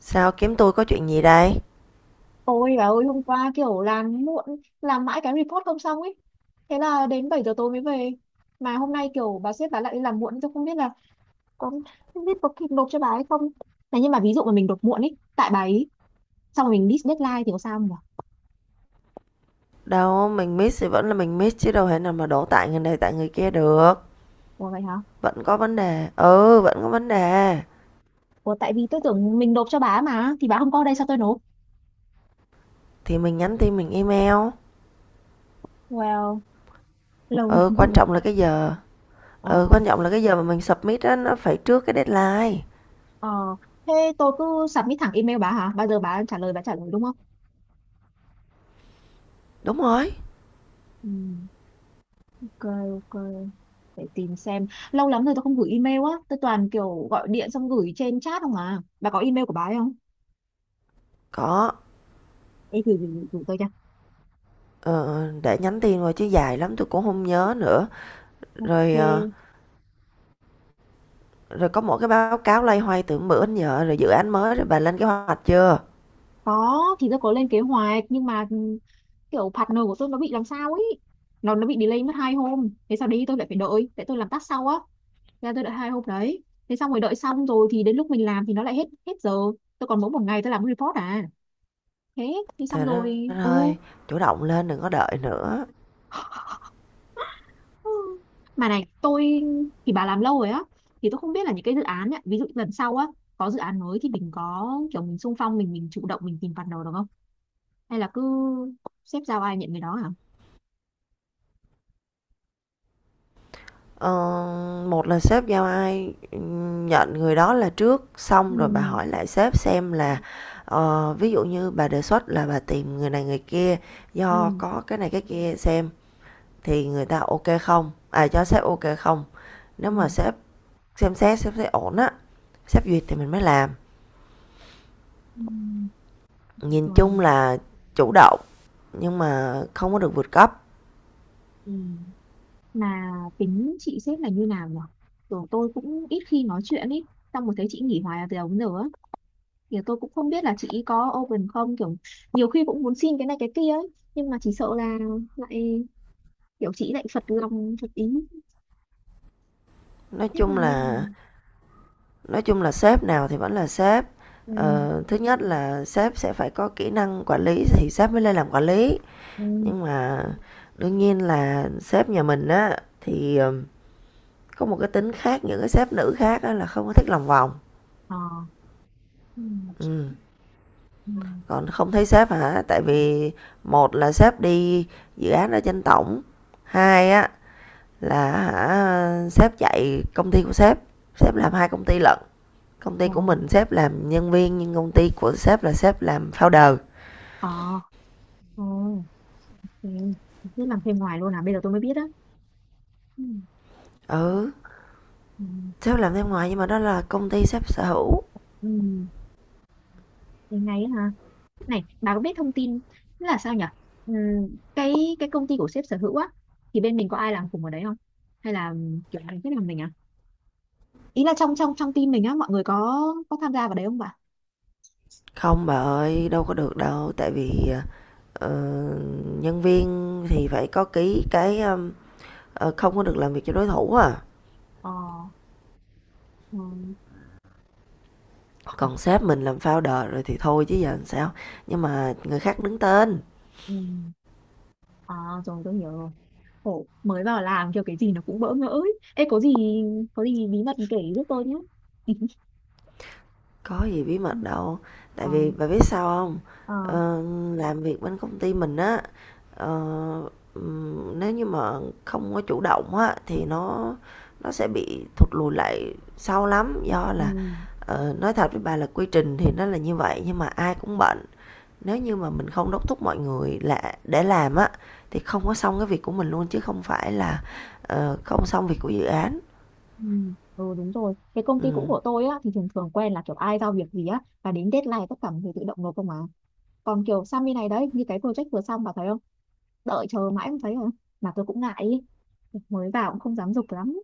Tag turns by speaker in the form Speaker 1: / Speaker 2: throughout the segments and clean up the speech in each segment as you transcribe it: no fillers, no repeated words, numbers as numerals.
Speaker 1: Sao kiếm tôi có chuyện gì đây?
Speaker 2: Ôi bà ơi, hôm qua kiểu làm muộn, làm mãi cái report không xong ấy, thế là đến 7 giờ tối mới về. Mà hôm nay kiểu bà sếp bà lại đi làm muộn, tôi không biết là có, không biết có kịp nộp cho bà hay không. Này, nhưng mà ví dụ mà mình nộp muộn ấy tại bà ấy, xong rồi mình miss deadline thì có sao không nhỉ?
Speaker 1: Đâu, mình miss thì vẫn là mình miss chứ đâu thể nào mà đổ tại người này tại người kia được.
Speaker 2: Ủa vậy hả?
Speaker 1: Vẫn có vấn đề. Ừ, vẫn có vấn đề.
Speaker 2: Ủa tại vì tôi tưởng mình nộp cho bà ấy mà, thì bà không có ở đây sao tôi nộp.
Speaker 1: Thì mình nhắn tin mình email.
Speaker 2: Well, lâu lắm
Speaker 1: Ừ, quan
Speaker 2: rồi.
Speaker 1: trọng là cái giờ.
Speaker 2: Ờ.
Speaker 1: Ừ, quan trọng là cái giờ mà mình submit á, nó phải trước cái deadline.
Speaker 2: Ờ, thế tôi cứ submit thẳng email bà hả, bao giờ bà trả lời đúng không?
Speaker 1: Đúng rồi.
Speaker 2: Ừ. Ok. Ok, để tìm xem, lâu lắm rồi tôi không gửi email á, tôi toàn kiểu gọi điện xong gửi trên chat không à. Bà có email của bà ấy không?
Speaker 1: Có.
Speaker 2: Ê, gửi tôi cho.
Speaker 1: Ờ, để nhắn tin rồi chứ dài lắm tôi cũng không nhớ nữa. Rồi, ờ,
Speaker 2: Ok.
Speaker 1: rồi có một cái báo cáo lay hoay từ bữa đến giờ rồi dự án mới rồi bà lên cái hoạch chưa?
Speaker 2: Có, thì tôi có lên kế hoạch nhưng mà ừ, kiểu partner của tôi nó bị làm sao ấy, nó bị delay mất 2 hôm, thế sao đi tôi lại phải đợi tại tôi làm task sau á, thế là tôi đợi 2 hôm đấy. Thế xong rồi, đợi xong rồi thì đến lúc mình làm thì nó lại hết hết giờ, tôi còn mỗi 1 ngày tôi làm report à, thế thì xong
Speaker 1: Trời đất
Speaker 2: rồi. Ừ.
Speaker 1: ơi, chủ động lên đừng có đợi nữa.
Speaker 2: Ừ. Mà này, tôi, thì bà làm lâu rồi á, thì tôi không biết là những cái dự án ấy, ví dụ lần sau á, có dự án mới thì mình có kiểu mình xung phong mình chủ động mình tìm partner được không? Hay là cứ xếp giao ai nhận người đó hả?
Speaker 1: Ờ, Một là sếp giao ai, nhận người đó là trước,
Speaker 2: Ừ,
Speaker 1: xong rồi bà hỏi lại sếp xem là, ví dụ như bà đề xuất là bà tìm người này người kia
Speaker 2: ừ,
Speaker 1: do có cái này cái kia xem thì người ta ok không, à, cho sếp ok không. Nếu
Speaker 2: ừ,
Speaker 1: mà sếp xem xét, sếp thấy ổn á, sếp duyệt thì mình mới làm.
Speaker 2: ừ,
Speaker 1: Nhìn chung
Speaker 2: rồi,
Speaker 1: là chủ động nhưng mà không có được vượt cấp.
Speaker 2: ừ. Mà tính chị xếp là như nào nhỉ? Kiểu tôi cũng ít khi nói chuyện ý, xong một thấy chị nghỉ hoài từ đầu đến giờ á, thì tôi cũng không biết là chị có open không, kiểu nhiều khi cũng muốn xin cái này cái kia ấy, nhưng mà chỉ sợ là lại kiểu chị lại phật lòng phật ý
Speaker 1: Nói
Speaker 2: hết là
Speaker 1: chung
Speaker 2: như
Speaker 1: là
Speaker 2: này.
Speaker 1: Nói chung là sếp nào thì vẫn là sếp.
Speaker 2: Ừ.
Speaker 1: Thứ nhất là sếp sẽ phải có kỹ năng quản lý thì sếp mới lên làm quản lý.
Speaker 2: Ừ.
Speaker 1: Nhưng mà đương nhiên là sếp nhà mình á thì ờ, có một cái tính khác những cái sếp nữ khác á là không có thích lòng vòng.
Speaker 2: Ờ. Ừ.
Speaker 1: Ừ.
Speaker 2: Ừ.
Speaker 1: Còn không thấy sếp hả? Tại vì một là sếp đi dự án ở trên tổng, hai á là hả sếp chạy công ty của sếp, sếp làm hai công ty lận. Công ty
Speaker 2: Ờ.
Speaker 1: của mình sếp làm nhân viên nhưng công ty của sếp là sếp làm founder.
Speaker 2: Ờ. Ờ. Ok, cứ làm thêm ngoài luôn à, bây giờ tôi mới biết á. Ừ.
Speaker 1: Ừ,
Speaker 2: Ừ.
Speaker 1: sếp làm thêm ngoài nhưng mà đó là công ty sếp sở hữu.
Speaker 2: Ừ, thế ngay á hả? Này bà có biết thông tin, tức là sao nhỉ, ừ, cái cái công ty của sếp sở hữu á thì bên mình có ai làm cùng ở đấy không, hay là kiểu ai biết làm mình à, ý là trong trong trong team mình á mọi người có tham gia vào đấy không bà?
Speaker 1: Không bà ơi, đâu có được đâu, tại vì ờ, nhân viên thì phải có ký cái không có được làm việc cho đối thủ à.
Speaker 2: Ờ. Ừ.
Speaker 1: Còn sếp mình làm founder rồi thì thôi chứ giờ làm sao. Nhưng mà người khác đứng tên.
Speaker 2: Ừ. À, rồi tôi hiểu rồi. Khổ, mới vào làm kiểu cái gì nó cũng bỡ ngỡ ấy. Ê, có gì, có gì bí mật kể giúp tôi nhé.
Speaker 1: Có gì bí
Speaker 2: Ừ.
Speaker 1: mật đâu,
Speaker 2: Ờ.
Speaker 1: tại vì bà biết sao không?
Speaker 2: Ờ.
Speaker 1: Ờ, làm việc bên công ty mình á, ờ, nếu như mà không có chủ động á, thì nó sẽ bị thụt lùi lại sau lắm. Do
Speaker 2: Ừ.
Speaker 1: là, nói thật với bà là quy trình thì nó là như vậy nhưng mà ai cũng bận, nếu như mà mình không đốc thúc mọi người là để làm á, thì không có xong cái việc của mình luôn chứ không phải là, không xong việc của dự án.
Speaker 2: Ừ. Ừ đúng rồi. Cái công ty cũ của
Speaker 1: Ừm,
Speaker 2: tôi á thì thường thường quen là kiểu ai giao việc gì á và đến deadline tất cả mọi người tự động nộp không à. Còn kiểu sang bên này đấy như cái project vừa xong bà thấy không? Đợi chờ mãi không thấy rồi. Mà tôi cũng ngại ý. Mới vào cũng không dám giục lắm.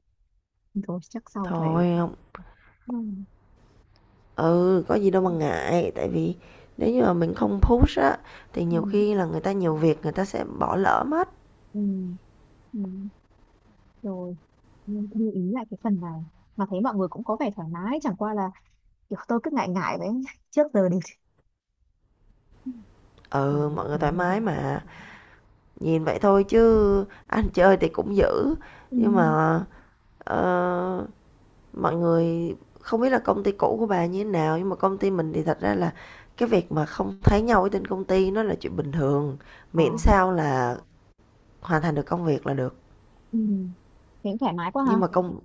Speaker 2: Thôi chắc sau phải
Speaker 1: thôi hông.
Speaker 2: ừ,
Speaker 1: Ừ, có gì đâu mà
Speaker 2: ừ,
Speaker 1: ngại, tại vì nếu như mà mình không push á thì
Speaker 2: ừ,
Speaker 1: nhiều khi là người ta nhiều việc người ta sẽ bỏ lỡ mất.
Speaker 2: ừ. Ừ, ừ. Rồi. Ừ, lưu ý lại cái phần này, mà thấy mọi người cũng có vẻ thoải mái, chẳng qua là kiểu tôi cứ ngại ngại đấy trước giờ đều ừ, ừ,
Speaker 1: Ừ, mọi người
Speaker 2: ừ,
Speaker 1: thoải
Speaker 2: ừ, ừ.
Speaker 1: mái mà. Nhìn vậy thôi chứ ăn chơi thì cũng dữ,
Speaker 2: Ừ,
Speaker 1: nhưng mà ờ, mọi người không biết là công ty cũ của bà như thế nào nhưng mà công ty mình thì thật ra là cái việc mà không thấy nhau ở trên công ty nó là chuyện bình thường,
Speaker 2: ờ,
Speaker 1: miễn sao là hoàn thành được công việc là được.
Speaker 2: ừ. Thế cũng thoải mái quá ha.
Speaker 1: Nhưng mà công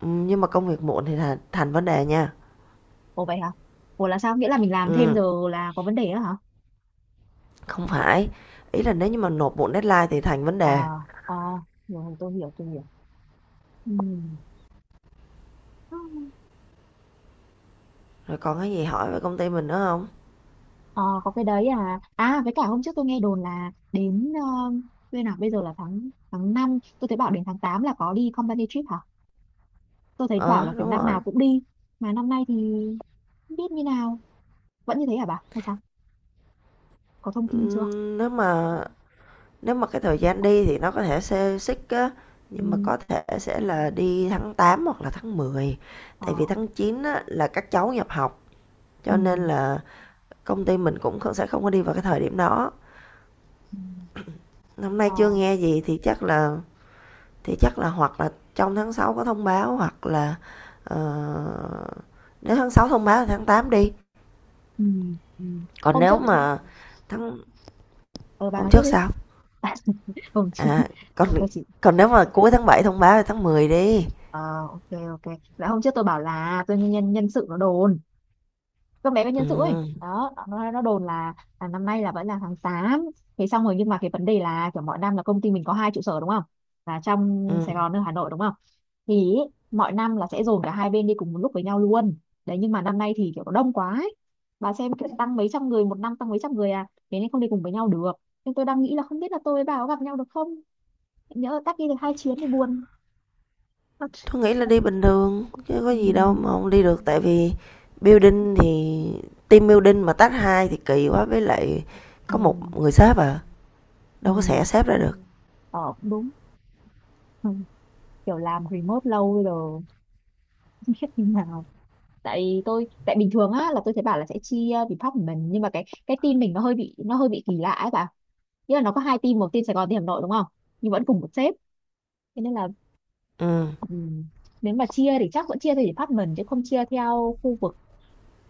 Speaker 1: nhưng mà công việc muộn thì là thành vấn đề nha.
Speaker 2: Ủa vậy hả? Ủa là sao, nghĩa là mình làm thêm
Speaker 1: Ừ.
Speaker 2: giờ là có vấn đề đó hả?
Speaker 1: Không phải, ý là nếu như mà nộp muộn deadline thì thành vấn
Speaker 2: Ờ.
Speaker 1: đề.
Speaker 2: Ờ, rồi tôi hiểu tôi hiểu. Ừ. Ừ.
Speaker 1: Rồi còn cái gì hỏi về công ty mình nữa không?
Speaker 2: Ờ có cái đấy. À à, với cả hôm trước tôi nghe đồn là đến ờ, bên nào bây giờ là tháng tháng năm, tôi thấy bảo đến tháng 8 là có đi company trip hả? Tôi thấy
Speaker 1: Ờ,
Speaker 2: bảo
Speaker 1: à,
Speaker 2: là kiểu
Speaker 1: đúng
Speaker 2: năm
Speaker 1: rồi.
Speaker 2: nào cũng đi, mà năm nay thì không biết như nào, vẫn như thế hả bà hay sao, có thông tin chưa?
Speaker 1: nếu mà nếu mà cái thời gian đi thì nó có thể xê xích á,
Speaker 2: Ừ.
Speaker 1: nhưng mà có thể sẽ là đi tháng 8 hoặc là tháng mười. Tại vì
Speaker 2: Ờ.
Speaker 1: tháng 9 á là các cháu nhập học, cho
Speaker 2: Ừ.
Speaker 1: nên là công ty mình cũng sẽ không có đi vào cái thời điểm đó.
Speaker 2: Ừ.
Speaker 1: Năm nay
Speaker 2: Ờ.
Speaker 1: chưa nghe gì thì chắc là hoặc là trong tháng 6 có thông báo hoặc là, ờ, nếu tháng 6 thông báo thì tháng 8 đi.
Speaker 2: Ừ. Ừ.
Speaker 1: Còn
Speaker 2: Hôm
Speaker 1: nếu
Speaker 2: trước,
Speaker 1: mà tháng
Speaker 2: ờ bà
Speaker 1: Hôm
Speaker 2: nói tiếp
Speaker 1: trước
Speaker 2: đi.
Speaker 1: sao?
Speaker 2: Hôm trước
Speaker 1: À, còn
Speaker 2: tôi chỉ,
Speaker 1: còn nếu mà cuối tháng 7 thông báo thì tháng 10 đi.
Speaker 2: ờ, ok, ok, là hôm trước tôi bảo là tôi nhân nhân sự nó đồn, con bé bên
Speaker 1: Ừ.
Speaker 2: nhân sự ấy đó nó đồn là năm nay là vẫn là tháng 8. Thế xong rồi nhưng mà cái vấn đề là kiểu mọi năm là công ty mình có 2 trụ sở đúng không, là
Speaker 1: Ừ.
Speaker 2: trong Sài Gòn ở Hà Nội đúng không, thì ý, mọi năm là sẽ dồn cả 2 bên đi cùng một lúc với nhau luôn. Đấy, nhưng mà năm nay thì kiểu nó đông quá ấy. Bà xem kiểu tăng mấy trăm người, một năm tăng mấy trăm người à, thế nên không đi cùng với nhau được. Nhưng tôi đang nghĩ là không biết là tôi với bà có gặp nhau được không, nhỡ tắc đi được 2 chuyến thì buồn.
Speaker 1: Tôi nghĩ là đi bình thường chứ có gì đâu
Speaker 2: Ừ,
Speaker 1: mà không đi được, tại vì building thì team building mà tách hai thì kỳ quá, với lại
Speaker 2: ừ,
Speaker 1: có một người sếp à, đâu có xẻ
Speaker 2: ừ.
Speaker 1: sếp ra được.
Speaker 2: Ờ cũng đúng. Ừ, kiểu làm remote lâu rồi, khi nào, tại tôi, tại bình thường á là tôi thấy bảo là sẽ chia department, nhưng mà cái team mình nó hơi bị, nó hơi bị kỳ lạ ấy bà, nghĩa là nó có 2 team, một team Sài Gòn, team Hà Nội đúng không, nhưng vẫn cùng một sếp, thế nên là
Speaker 1: Ừ,
Speaker 2: ừm, nếu mà chia thì chắc vẫn chia theo department chứ không chia theo khu vực.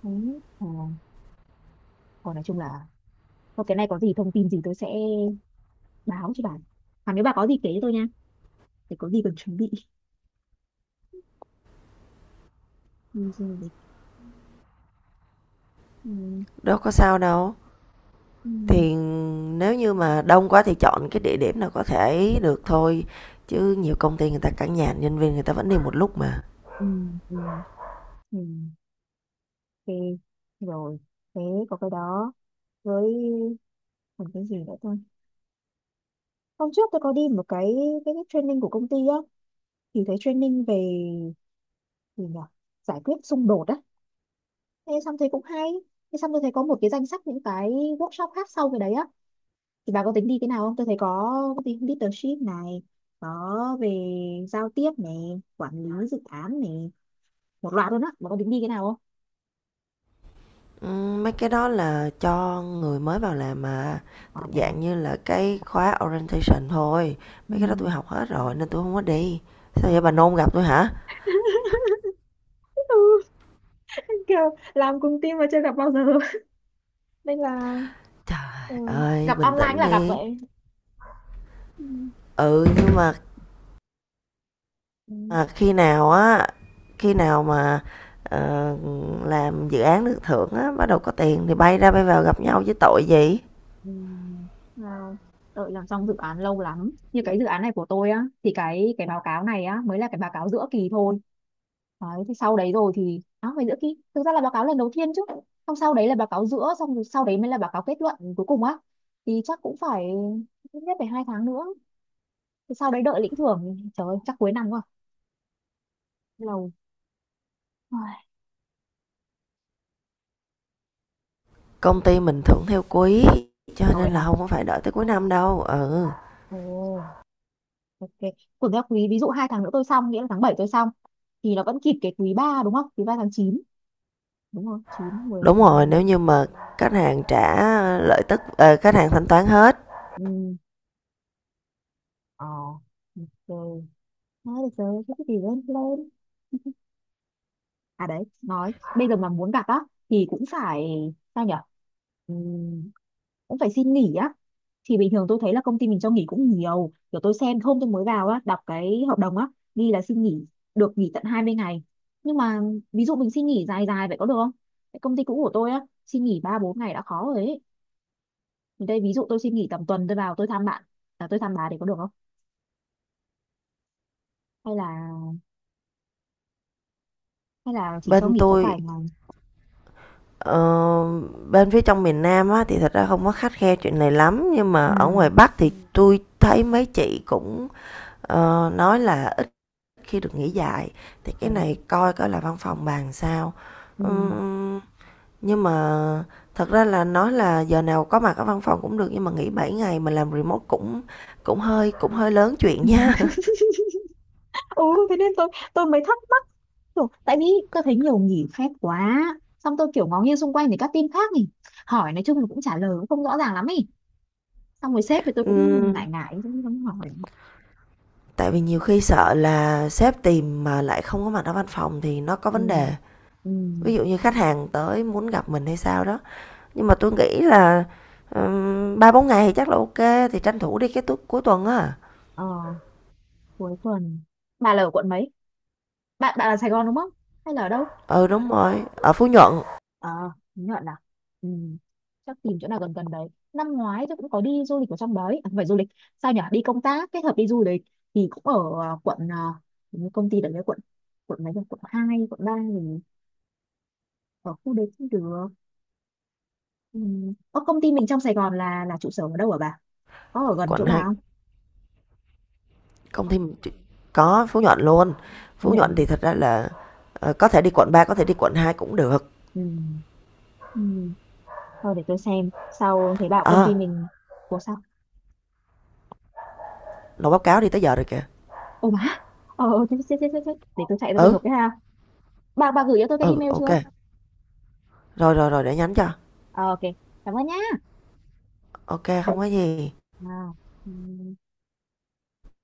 Speaker 2: Đấy. Ờ, còn nói chung là thôi cái này có gì thông tin gì tôi sẽ báo cho bà, còn nếu bà có gì kể cho tôi nha, để có gì cần chuẩn bị đi du lịch. Ừ,
Speaker 1: đâu có sao đâu,
Speaker 2: ừ,
Speaker 1: thì nếu như mà đông quá thì chọn cái địa điểm nào có thể được thôi, chứ nhiều công ty người ta cản nhà nhân viên người ta vẫn đi một lúc mà.
Speaker 2: ừ, ừ, ừ. Ừ, ok, rồi, thế có cái đó, với còn cái gì nữa ta. Hôm trước tôi có đi một cái, cái training của công ty á, thì thấy training về gì nhỉ, giải quyết xung đột á, thế xong thấy cũng hay. Thế xong tôi thấy có một cái danh sách những cái workshop khác sau cái đấy á, thì bà có tính đi cái nào không, tôi thấy có cái leadership này, có về giao tiếp này, quản lý dự án này, một loạt luôn á, bà có tính đi cái nào?
Speaker 1: Mấy cái đó là cho người mới vào làm mà,
Speaker 2: Không à vậy hả?
Speaker 1: dạng như là cái khóa orientation thôi,
Speaker 2: Ừ.
Speaker 1: mấy cái đó tôi học hết rồi nên tôi không có đi. Sao
Speaker 2: Ờ.
Speaker 1: vậy bà nôn gặp tôi hả?
Speaker 2: Ừ, kiểu làm cùng team mà chưa gặp bao giờ nên là
Speaker 1: Trời
Speaker 2: ừ,
Speaker 1: ơi,
Speaker 2: gặp
Speaker 1: bình
Speaker 2: online
Speaker 1: tĩnh
Speaker 2: là gặp
Speaker 1: đi.
Speaker 2: vậy. Ừ.
Speaker 1: Ừ, nhưng mà
Speaker 2: Ừ.
Speaker 1: à, khi nào á, khi nào mà ờ, làm dự án được thưởng á, bắt đầu có tiền thì bay ra bay vào gặp nhau chứ tội gì.
Speaker 2: Ừ. Nào, đợi làm xong dự án lâu lắm. Như cái dự án này của tôi á, thì cái báo cáo này á mới là cái báo cáo giữa kỳ thôi. Đấy, thì sau đấy rồi thì à, phải giữa kỳ. Thực ra là báo cáo lần đầu tiên chứ. Xong sau đấy là báo cáo giữa, xong rồi sau đấy mới là báo cáo kết luận cuối cùng á. Thì chắc cũng phải ít nhất phải 2 tháng nữa. Thì sau đấy đợi lĩnh thưởng, trời ơi, chắc cuối năm rồi. Lâu. Ai.
Speaker 1: Công ty mình thưởng theo quý, cho
Speaker 2: Có vậy
Speaker 1: nên
Speaker 2: hả?
Speaker 1: là không có phải đợi tới cuối năm đâu. Ừ.
Speaker 2: Ồ, ok. Của các quý, ví dụ 2 tháng nữa tôi xong, nghĩa là tháng 7 tôi xong thì nó vẫn kịp cái quý 3, đúng không? Quý 3 tháng 9, đúng không, chín mười
Speaker 1: Đúng
Speaker 2: một mười
Speaker 1: rồi, nếu
Speaker 2: hai
Speaker 1: như mà khách hàng trả khách hàng thanh toán hết.
Speaker 2: Ừ. Ờ. Rồi, thôi được rồi, thế thì lên lên. À đấy, nói bây giờ mà muốn gặp á thì cũng phải, sao nhở, ừm, cũng phải xin nghỉ á, thì bình thường tôi thấy là công ty mình cho nghỉ cũng nhiều, kiểu tôi xem hôm tôi mới vào á đọc cái hợp đồng á ghi là xin nghỉ, được nghỉ tận 20 ngày. Nhưng mà ví dụ mình xin nghỉ dài dài vậy có được không? Cái công ty cũ của tôi á xin nghỉ 3 4 ngày đã khó rồi ấy. Thì đây ví dụ tôi xin nghỉ tầm tuần tôi vào tôi thăm bạn, à, tôi thăm bà thì có được không, hay là, hay là chỉ cho
Speaker 1: Bên
Speaker 2: nghỉ có
Speaker 1: tôi
Speaker 2: vài ngày?
Speaker 1: ờ, bên phía trong miền Nam á thì thật ra không có khắt khe chuyện này lắm, nhưng mà ở
Speaker 2: Ừ.
Speaker 1: ngoài Bắc thì tôi thấy mấy chị cũng nói là ít khi được nghỉ dài. Thì cái
Speaker 2: Rồi.
Speaker 1: này coi coi là văn phòng bàn sao.
Speaker 2: Ừ.
Speaker 1: Ừm, nhưng mà thật ra là nói là giờ nào có mặt ở văn phòng cũng được nhưng mà nghỉ 7 ngày mà làm remote cũng cũng hơi lớn chuyện nha.
Speaker 2: Ừ, thế nên tôi mới thắc mắc kiểu, tại vì tôi thấy nhiều nghỉ phép quá, xong tôi kiểu ngó nghiêng xung quanh thì các team khác nhỉ, hỏi nói chung là cũng trả lời cũng không rõ ràng lắm ý, xong rồi sếp thì tôi cũng
Speaker 1: Ừm,
Speaker 2: ngại ngại cũng không hỏi.
Speaker 1: tại vì nhiều khi sợ là sếp tìm mà lại không có mặt ở văn phòng thì nó có
Speaker 2: Ừ.
Speaker 1: vấn đề.
Speaker 2: Ừ.
Speaker 1: Ví dụ như khách hàng tới muốn gặp mình hay sao đó. Nhưng mà tôi nghĩ là 3-4 ngày thì chắc là ok, thì tranh thủ đi cái cuối tuần á.
Speaker 2: Ờ, cuối tuần bà là ở quận mấy, bạn bạn là Sài Gòn đúng không hay là ở đâu?
Speaker 1: Ừ đúng rồi, ở Phú Nhuận.
Speaker 2: À, Nhuận à? Ừ. Chắc tìm chỗ nào gần gần đấy. Năm ngoái tôi cũng có đi du lịch ở trong đấy. À, không phải du lịch. Sao nhỉ? Đi công tác kết hợp đi du lịch thì cũng ở à, quận à, hình như công ty đấy quận, mấy nhỉ? Quận 2, quận 3, mình ở khu đấy cũng được. Ừ. Ở công ty mình trong Sài Gòn là trụ sở ở đâu hả bà? Có ở gần
Speaker 1: Quận
Speaker 2: chỗ
Speaker 1: 2
Speaker 2: bà không?
Speaker 1: công ty mình có Phú Nhuận luôn.
Speaker 2: Không
Speaker 1: Phú
Speaker 2: nhận
Speaker 1: Nhuận
Speaker 2: không?
Speaker 1: thì thật ra là có thể đi quận 3 có thể đi quận 2 cũng được.
Speaker 2: Ừ. Ừ. Thôi để tôi xem. Sau thấy bảo công
Speaker 1: Ờ,
Speaker 2: ty mình, ủa sao?
Speaker 1: Nộp báo cáo đi tới giờ rồi kìa.
Speaker 2: Ồ má. Ờ, ờ, chết, chết, chết, chết, chết. Để tôi chạy ra tôi
Speaker 1: Ừ,
Speaker 2: nộp cái ha. Bà gửi cho tôi cái
Speaker 1: ừ,
Speaker 2: email
Speaker 1: ok.
Speaker 2: chưa?
Speaker 1: Rồi rồi rồi để nhắn cho.
Speaker 2: Ờ, ok, cảm ơn nhá.
Speaker 1: Ok, không có gì.
Speaker 2: À, ừ.